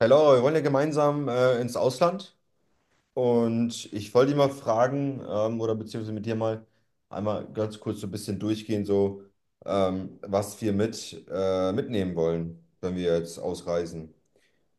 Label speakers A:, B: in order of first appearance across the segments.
A: Hey Laura, wir wollen ja gemeinsam ins Ausland und ich wollte dich mal fragen oder beziehungsweise mit dir mal einmal ganz kurz so ein bisschen durchgehen, so was wir mit mitnehmen wollen, wenn wir jetzt ausreisen.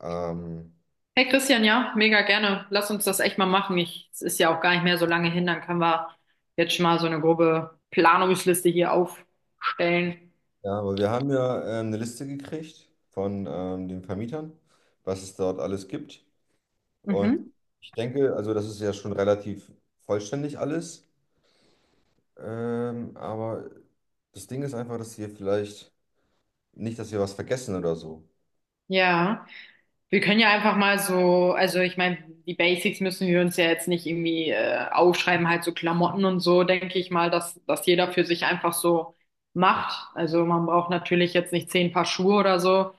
A: Ähm,
B: Hey Christian, ja, mega gerne. Lass uns das echt mal machen. Es ist ja auch gar nicht mehr so lange hin, dann können wir jetzt schon mal so eine grobe Planungsliste hier aufstellen.
A: ja, aber wir haben ja eine Liste gekriegt von den Vermietern, was es dort alles gibt, und
B: Mhm.
A: ich denke, also das ist ja schon relativ vollständig alles, aber das Ding ist einfach, dass wir vielleicht nicht, dass wir was vergessen oder so.
B: Ja, wir können ja einfach mal so, also ich meine, die Basics müssen wir uns ja jetzt nicht irgendwie aufschreiben, halt so Klamotten und so, denke ich mal, dass jeder für sich einfach so macht. Also man braucht natürlich jetzt nicht 10 Paar Schuhe oder so.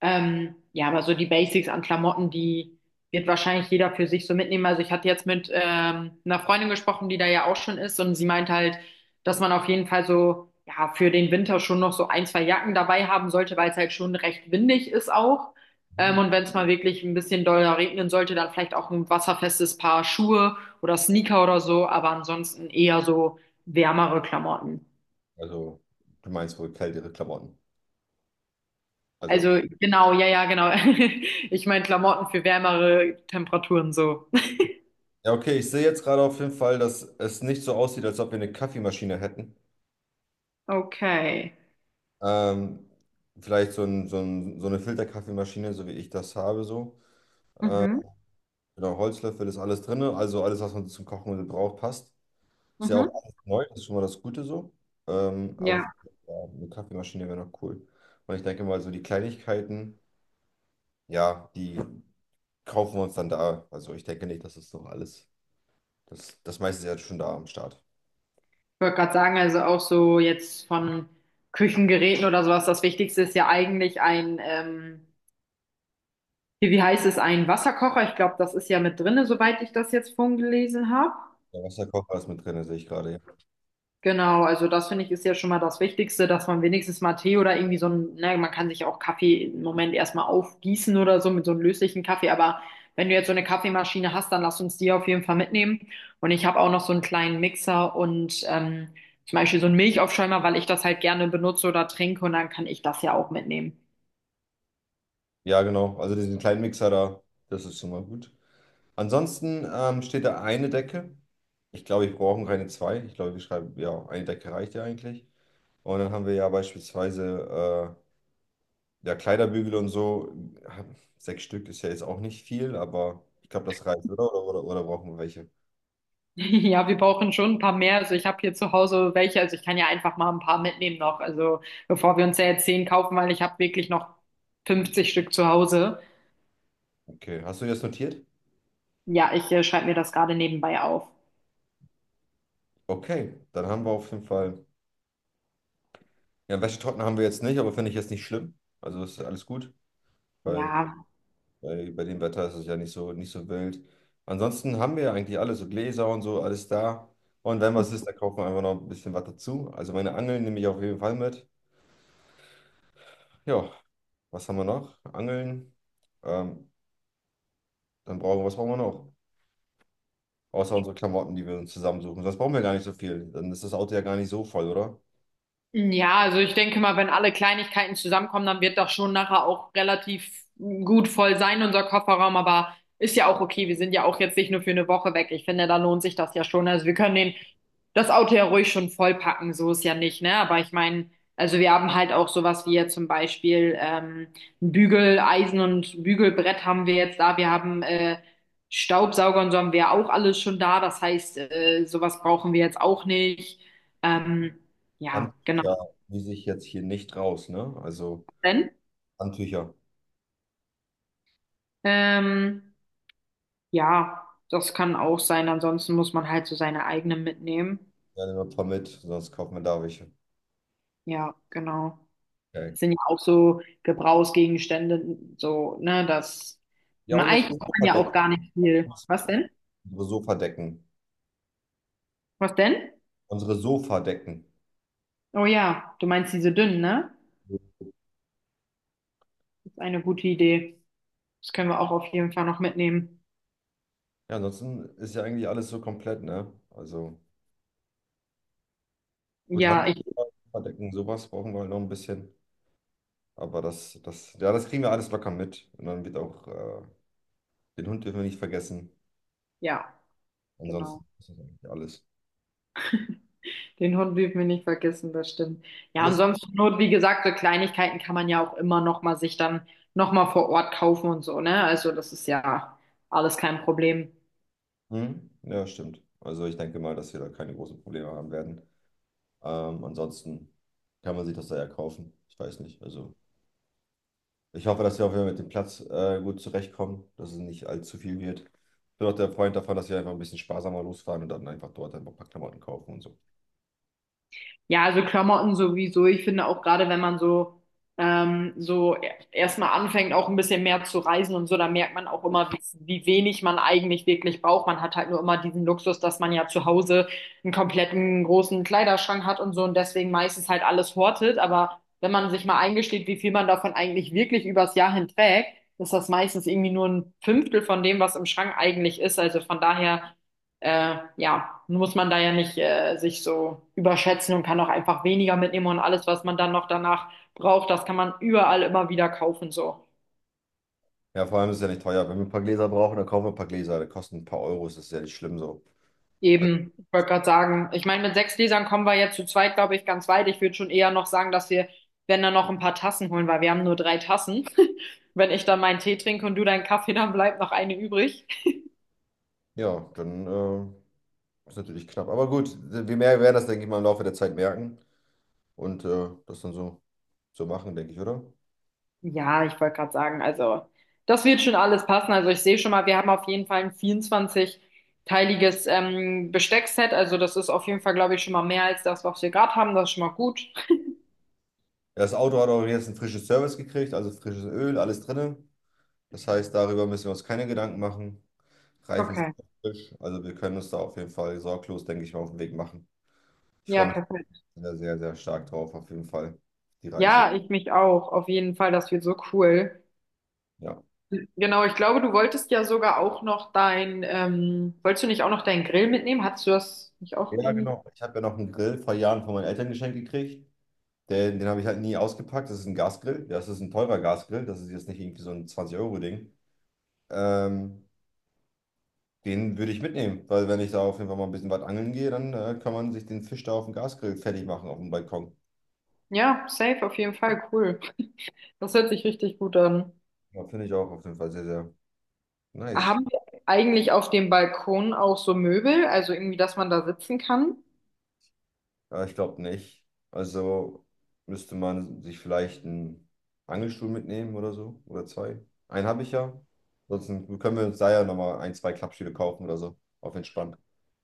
B: Ja, aber so die Basics an Klamotten, die wird wahrscheinlich jeder für sich so mitnehmen. Also ich hatte jetzt mit einer Freundin gesprochen, die da ja auch schon ist und sie meint halt, dass man auf jeden Fall so, ja, für den Winter schon noch so ein, zwei Jacken dabei haben sollte, weil es halt schon recht windig ist auch. Ähm,
A: Hm.
B: und wenn es mal wirklich ein bisschen doller regnen sollte, dann vielleicht auch ein wasserfestes Paar Schuhe oder Sneaker oder so, aber ansonsten eher so wärmere Klamotten.
A: Also, du meinst wohl kältere Klamotten. Also,
B: Also genau, ja, ja, genau. Ich meine Klamotten für wärmere Temperaturen so.
A: ja, okay, ich sehe jetzt gerade auf jeden Fall, dass es nicht so aussieht, als ob wir eine Kaffeemaschine hätten.
B: Okay.
A: Ähm, vielleicht so, so eine Filterkaffeemaschine, so wie ich das habe, so.
B: Mhm,
A: Genau, Holzlöffel ist alles drin, also alles, was man zum Kochen braucht, passt. Ist ja auch
B: mhm.
A: alles neu, das ist schon mal das Gute so. Aber
B: Ja,
A: ja, eine Kaffeemaschine wäre noch cool. Und ich denke mal, so die Kleinigkeiten, ja, die kaufen wir uns dann da. Also ich denke nicht, dass es noch alles. Das meiste ist ja schon da am Start.
B: ich wollte gerade sagen, also auch so jetzt von Küchengeräten oder sowas, das Wichtigste ist ja eigentlich hier, wie heißt es, ein Wasserkocher. Ich glaube, das ist ja mit drinne, soweit ich das jetzt vorhin gelesen habe.
A: Der Wasserkocher ist mit drin, sehe ich gerade. Ja,
B: Genau, also das finde ich ist ja schon mal das Wichtigste, dass man wenigstens mal Tee oder irgendwie so ne, man kann sich auch Kaffee im Moment erstmal aufgießen oder so mit so einem löslichen Kaffee, aber wenn du jetzt so eine Kaffeemaschine hast, dann lass uns die auf jeden Fall mitnehmen. Und ich habe auch noch so einen kleinen Mixer und zum Beispiel so einen Milchaufschäumer, weil ich das halt gerne benutze oder trinke und dann kann ich das ja auch mitnehmen.
A: ja, genau. Also diesen kleinen Mixer da, das ist schon mal gut. Ansonsten steht da eine Decke. Ich glaube, wir brauchen keine zwei. Ich glaube, wir schreiben, ja, eine Decke reicht ja eigentlich. Und dann haben wir ja beispielsweise ja, Kleiderbügel und so. Sechs Stück ist ja jetzt auch nicht viel, aber ich glaube, das reicht, oder? Oder brauchen wir welche?
B: Ja, wir brauchen schon ein paar mehr. Also ich habe hier zu Hause welche, also ich kann ja einfach mal ein paar mitnehmen noch. Also bevor wir uns ja jetzt zehn kaufen, weil ich habe wirklich noch 50 Stück zu Hause.
A: Okay. Hast du das notiert?
B: Ja, ich schreibe mir das gerade nebenbei auf.
A: Okay, dann haben wir auf jeden Fall. Ja, Wäschetrockner haben wir jetzt nicht, aber finde ich jetzt nicht schlimm. Also ist alles gut, weil
B: Ja,
A: bei dem Wetter ist es ja nicht so, nicht so wild. Ansonsten haben wir ja eigentlich alles, so Gläser und so, alles da. Und wenn was ist, dann kaufen wir einfach noch ein bisschen was dazu. Also meine Angeln nehme ich auf jeden Fall mit. Ja, was haben wir noch? Angeln. Ähm, dann brauchen wir, was brauchen wir noch? Außer unsere Klamotten, die wir uns zusammensuchen. Sonst brauchen wir gar nicht so viel. Dann ist das Auto ja gar nicht so voll, oder?
B: ja, also ich denke mal, wenn alle Kleinigkeiten zusammenkommen, dann wird das schon nachher auch relativ gut voll sein, unser Kofferraum. Aber ist ja auch okay. Wir sind ja auch jetzt nicht nur für eine Woche weg. Ich finde, da lohnt sich das ja schon. Also wir können den, das Auto ja ruhig schon vollpacken. So ist ja nicht, ne? Aber ich meine, also wir haben halt auch sowas wie jetzt zum Beispiel ein Bügeleisen und Bügelbrett haben wir jetzt da. Wir haben Staubsauger und so haben wir auch alles schon da. Das heißt, sowas brauchen wir jetzt auch nicht. Ähm, ja, genau.
A: Handtücher, die sich jetzt hier nicht raus, ne? Also
B: Wenn,
A: Handtücher.
B: ähm, ja, das kann auch sein. Ansonsten muss man halt so seine eigenen mitnehmen.
A: Ja, nehmen wir ein paar mit, sonst kaufen wir da welche.
B: Ja, genau.
A: Okay.
B: Das sind ja auch so Gebrauchsgegenstände, so, ne,
A: Ja, und
B: eigentlich
A: unsere
B: braucht man ja
A: Sofadecken.
B: auch gar nicht viel. Was denn?
A: Unsere Sofadecken.
B: Was denn?
A: Unsere Sofadecken.
B: Oh ja, du meinst diese dünnen, ne? Das ist eine gute Idee. Das können wir auch auf jeden Fall noch mitnehmen.
A: Ja, ansonsten ist ja eigentlich alles so komplett, ne? Also gut,
B: Ja,
A: Handdecken, sowas brauchen wir halt noch ein bisschen. Aber das kriegen wir alles locker mit. Und dann wird auch, den Hund dürfen wir nicht vergessen.
B: ja, genau.
A: Ansonsten ist das eigentlich alles.
B: Den Hund dürfen wir nicht vergessen, das stimmt. Ja, und
A: Alles?
B: sonst zur Not, wie gesagt, so Kleinigkeiten kann man ja auch immer noch mal sich dann noch mal vor Ort kaufen und so, ne? Also das ist ja alles kein Problem.
A: Hm? Ja, stimmt. Also ich denke mal, dass wir da keine großen Probleme haben werden. Ansonsten kann man sich das da ja kaufen. Ich weiß nicht. Also. Ich hoffe, dass wir auch wieder mit dem Platz gut zurechtkommen, dass es nicht allzu viel wird. Ich bin auch der Freund davon, dass wir einfach ein bisschen sparsamer losfahren und dann einfach dort einfach ein paar Klamotten kaufen und so.
B: Ja, also Klamotten sowieso. Ich finde auch gerade, wenn man so, so erstmal anfängt, auch ein bisschen mehr zu reisen und so, da merkt man auch immer, wie wenig man eigentlich wirklich braucht. Man hat halt nur immer diesen Luxus, dass man ja zu Hause einen kompletten großen Kleiderschrank hat und so und deswegen meistens halt alles hortet. Aber wenn man sich mal eingesteht, wie viel man davon eigentlich wirklich übers Jahr hin trägt, ist das meistens irgendwie nur ein Fünftel von dem, was im Schrank eigentlich ist. Also von daher ja, muss man da ja nicht sich so überschätzen und kann auch einfach weniger mitnehmen und alles, was man dann noch danach braucht, das kann man überall immer wieder kaufen, so.
A: Ja, vor allem ist es ja nicht teuer. Wenn wir ein paar Gläser brauchen, dann kaufen wir ein paar Gläser. Die kosten ein paar Euros, das ist ja nicht schlimm so.
B: Eben, ich wollte gerade sagen, ich meine, mit sechs Gläsern kommen wir jetzt zu zweit, glaube ich, ganz weit. Ich würde schon eher noch sagen, wenn dann noch ein paar Tassen holen, weil wir haben nur drei Tassen. Wenn ich dann meinen Tee trinke und du deinen Kaffee, dann bleibt noch eine übrig.
A: Ja, dann ist natürlich knapp. Aber gut, wir mehr werden das, denke ich mal, im Laufe der Zeit merken und das dann so, so machen, denke ich, oder?
B: Ja, ich wollte gerade sagen, also das wird schon alles passen. Also ich sehe schon mal, wir haben auf jeden Fall ein 24 teiliges Besteckset. Also das ist auf jeden Fall, glaube ich, schon mal mehr als das, was wir gerade haben. Das ist schon mal gut.
A: Ja, das Auto hat auch jetzt ein frisches Service gekriegt, also frisches Öl, alles drin. Das heißt, darüber müssen wir uns keine Gedanken machen. Reifen sind
B: Okay.
A: noch frisch. Also wir können uns da auf jeden Fall sorglos, denke ich mal, auf den Weg machen. Ich
B: Ja,
A: freue mich
B: perfekt.
A: sehr, sehr, sehr stark drauf, auf jeden Fall, die Reise.
B: Ja, ich mich auch. Auf jeden Fall, das wird so cool.
A: Ja.
B: Genau, ich glaube, du wolltest ja sogar auch noch wolltest du nicht auch noch deinen Grill mitnehmen? Hattest du das nicht auch
A: Ja,
B: irgendwie?
A: genau. Ich habe ja noch einen Grill vor Jahren von meinen Eltern geschenkt gekriegt. Den habe ich halt nie ausgepackt. Das ist ein Gasgrill. Ja, das ist ein teurer Gasgrill. Das ist jetzt nicht irgendwie so ein 20-Euro-Ding. Ähm, den würde ich mitnehmen, weil wenn ich da auf jeden Fall mal ein bisschen weit angeln gehe, dann kann man sich den Fisch da auf dem Gasgrill fertig machen, auf dem Balkon.
B: Ja, safe, auf jeden Fall, cool. Das hört sich richtig gut an.
A: Ja, finde ich auch auf jeden Fall sehr, sehr nice.
B: Haben wir eigentlich auf dem Balkon auch so Möbel, also irgendwie, dass man da sitzen kann?
A: Ja, ich glaube nicht. Also müsste man sich vielleicht einen Angelstuhl mitnehmen oder so. Oder zwei. Einen habe ich ja. Sonst können wir uns da ja nochmal ein, zwei Klappstühle kaufen oder so. Auf entspannt.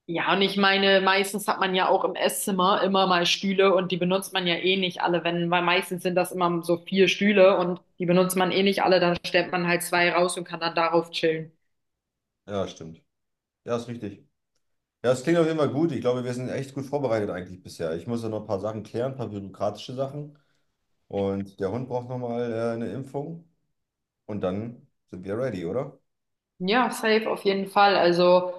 B: Ja, und ich meine, meistens hat man ja auch im Esszimmer immer mal Stühle und die benutzt man ja eh nicht alle, wenn, weil meistens sind das immer so vier Stühle und die benutzt man eh nicht alle, dann stellt man halt zwei raus und kann dann darauf chillen.
A: Ja, stimmt. Ja, ist richtig. Ja, es klingt auf jeden Fall gut. Ich glaube, wir sind echt gut vorbereitet eigentlich bisher. Ich muss ja noch ein paar Sachen klären, ein paar bürokratische Sachen. Und der Hund braucht nochmal eine Impfung. Und dann sind wir ready, oder?
B: Ja, safe auf jeden Fall. Also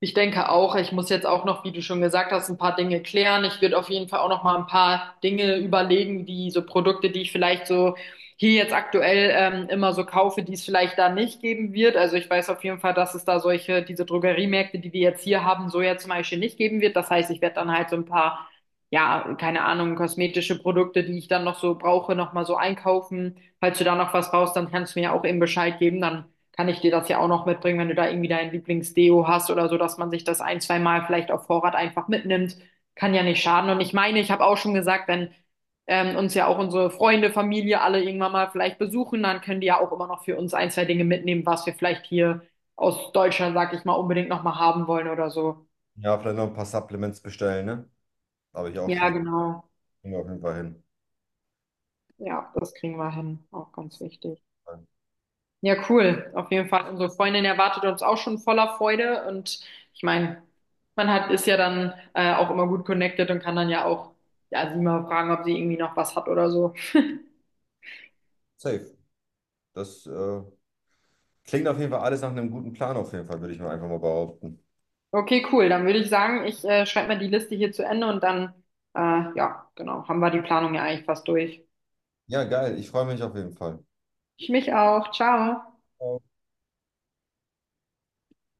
B: ich denke auch, ich muss jetzt auch noch, wie du schon gesagt hast, ein paar Dinge klären. Ich würde auf jeden Fall auch noch mal ein paar Dinge überlegen, die so Produkte, die ich vielleicht so hier jetzt aktuell immer so kaufe, die es vielleicht da nicht geben wird. Also ich weiß auf jeden Fall, dass es da solche, diese Drogeriemärkte, die wir jetzt hier haben, so ja zum Beispiel nicht geben wird. Das heißt, ich werde dann halt so ein paar, ja, keine Ahnung, kosmetische Produkte, die ich dann noch so brauche, noch mal so einkaufen. Falls du da noch was brauchst, dann kannst du mir auch eben Bescheid geben. Dann kann ich dir das ja auch noch mitbringen, wenn du da irgendwie dein Lieblingsdeo hast oder so, dass man sich das ein, zwei Mal vielleicht auf Vorrat einfach mitnimmt. Kann ja nicht schaden. Und ich meine, ich habe auch schon gesagt, wenn uns ja auch unsere Freunde, Familie alle irgendwann mal vielleicht besuchen, dann können die ja auch immer noch für uns ein, zwei Dinge mitnehmen, was wir vielleicht hier aus Deutschland, sag ich mal, unbedingt nochmal haben wollen oder so.
A: Ja, vielleicht noch ein paar Supplements bestellen, ne? Habe ich auch schon
B: Ja,
A: wieder.
B: genau.
A: Kriegen wir auf jeden Fall hin.
B: Ja, das kriegen wir hin. Auch ganz wichtig. Ja, cool. Auf jeden Fall. Unsere Freundin erwartet uns auch schon voller Freude. Und ich meine, man hat, ist ja dann auch immer gut connected und kann dann ja auch, ja, sie mal fragen, ob sie irgendwie noch was hat oder so.
A: Safe. Das klingt auf jeden Fall alles nach einem guten Plan, auf jeden Fall, würde ich mir einfach mal behaupten.
B: Okay, cool. Dann würde ich sagen, ich schreibe mal die Liste hier zu Ende und dann, äh, ja, genau, haben wir die Planung ja eigentlich fast durch.
A: Ja, geil. Ich freue mich auf jeden Fall.
B: Ich mich auch. Ciao.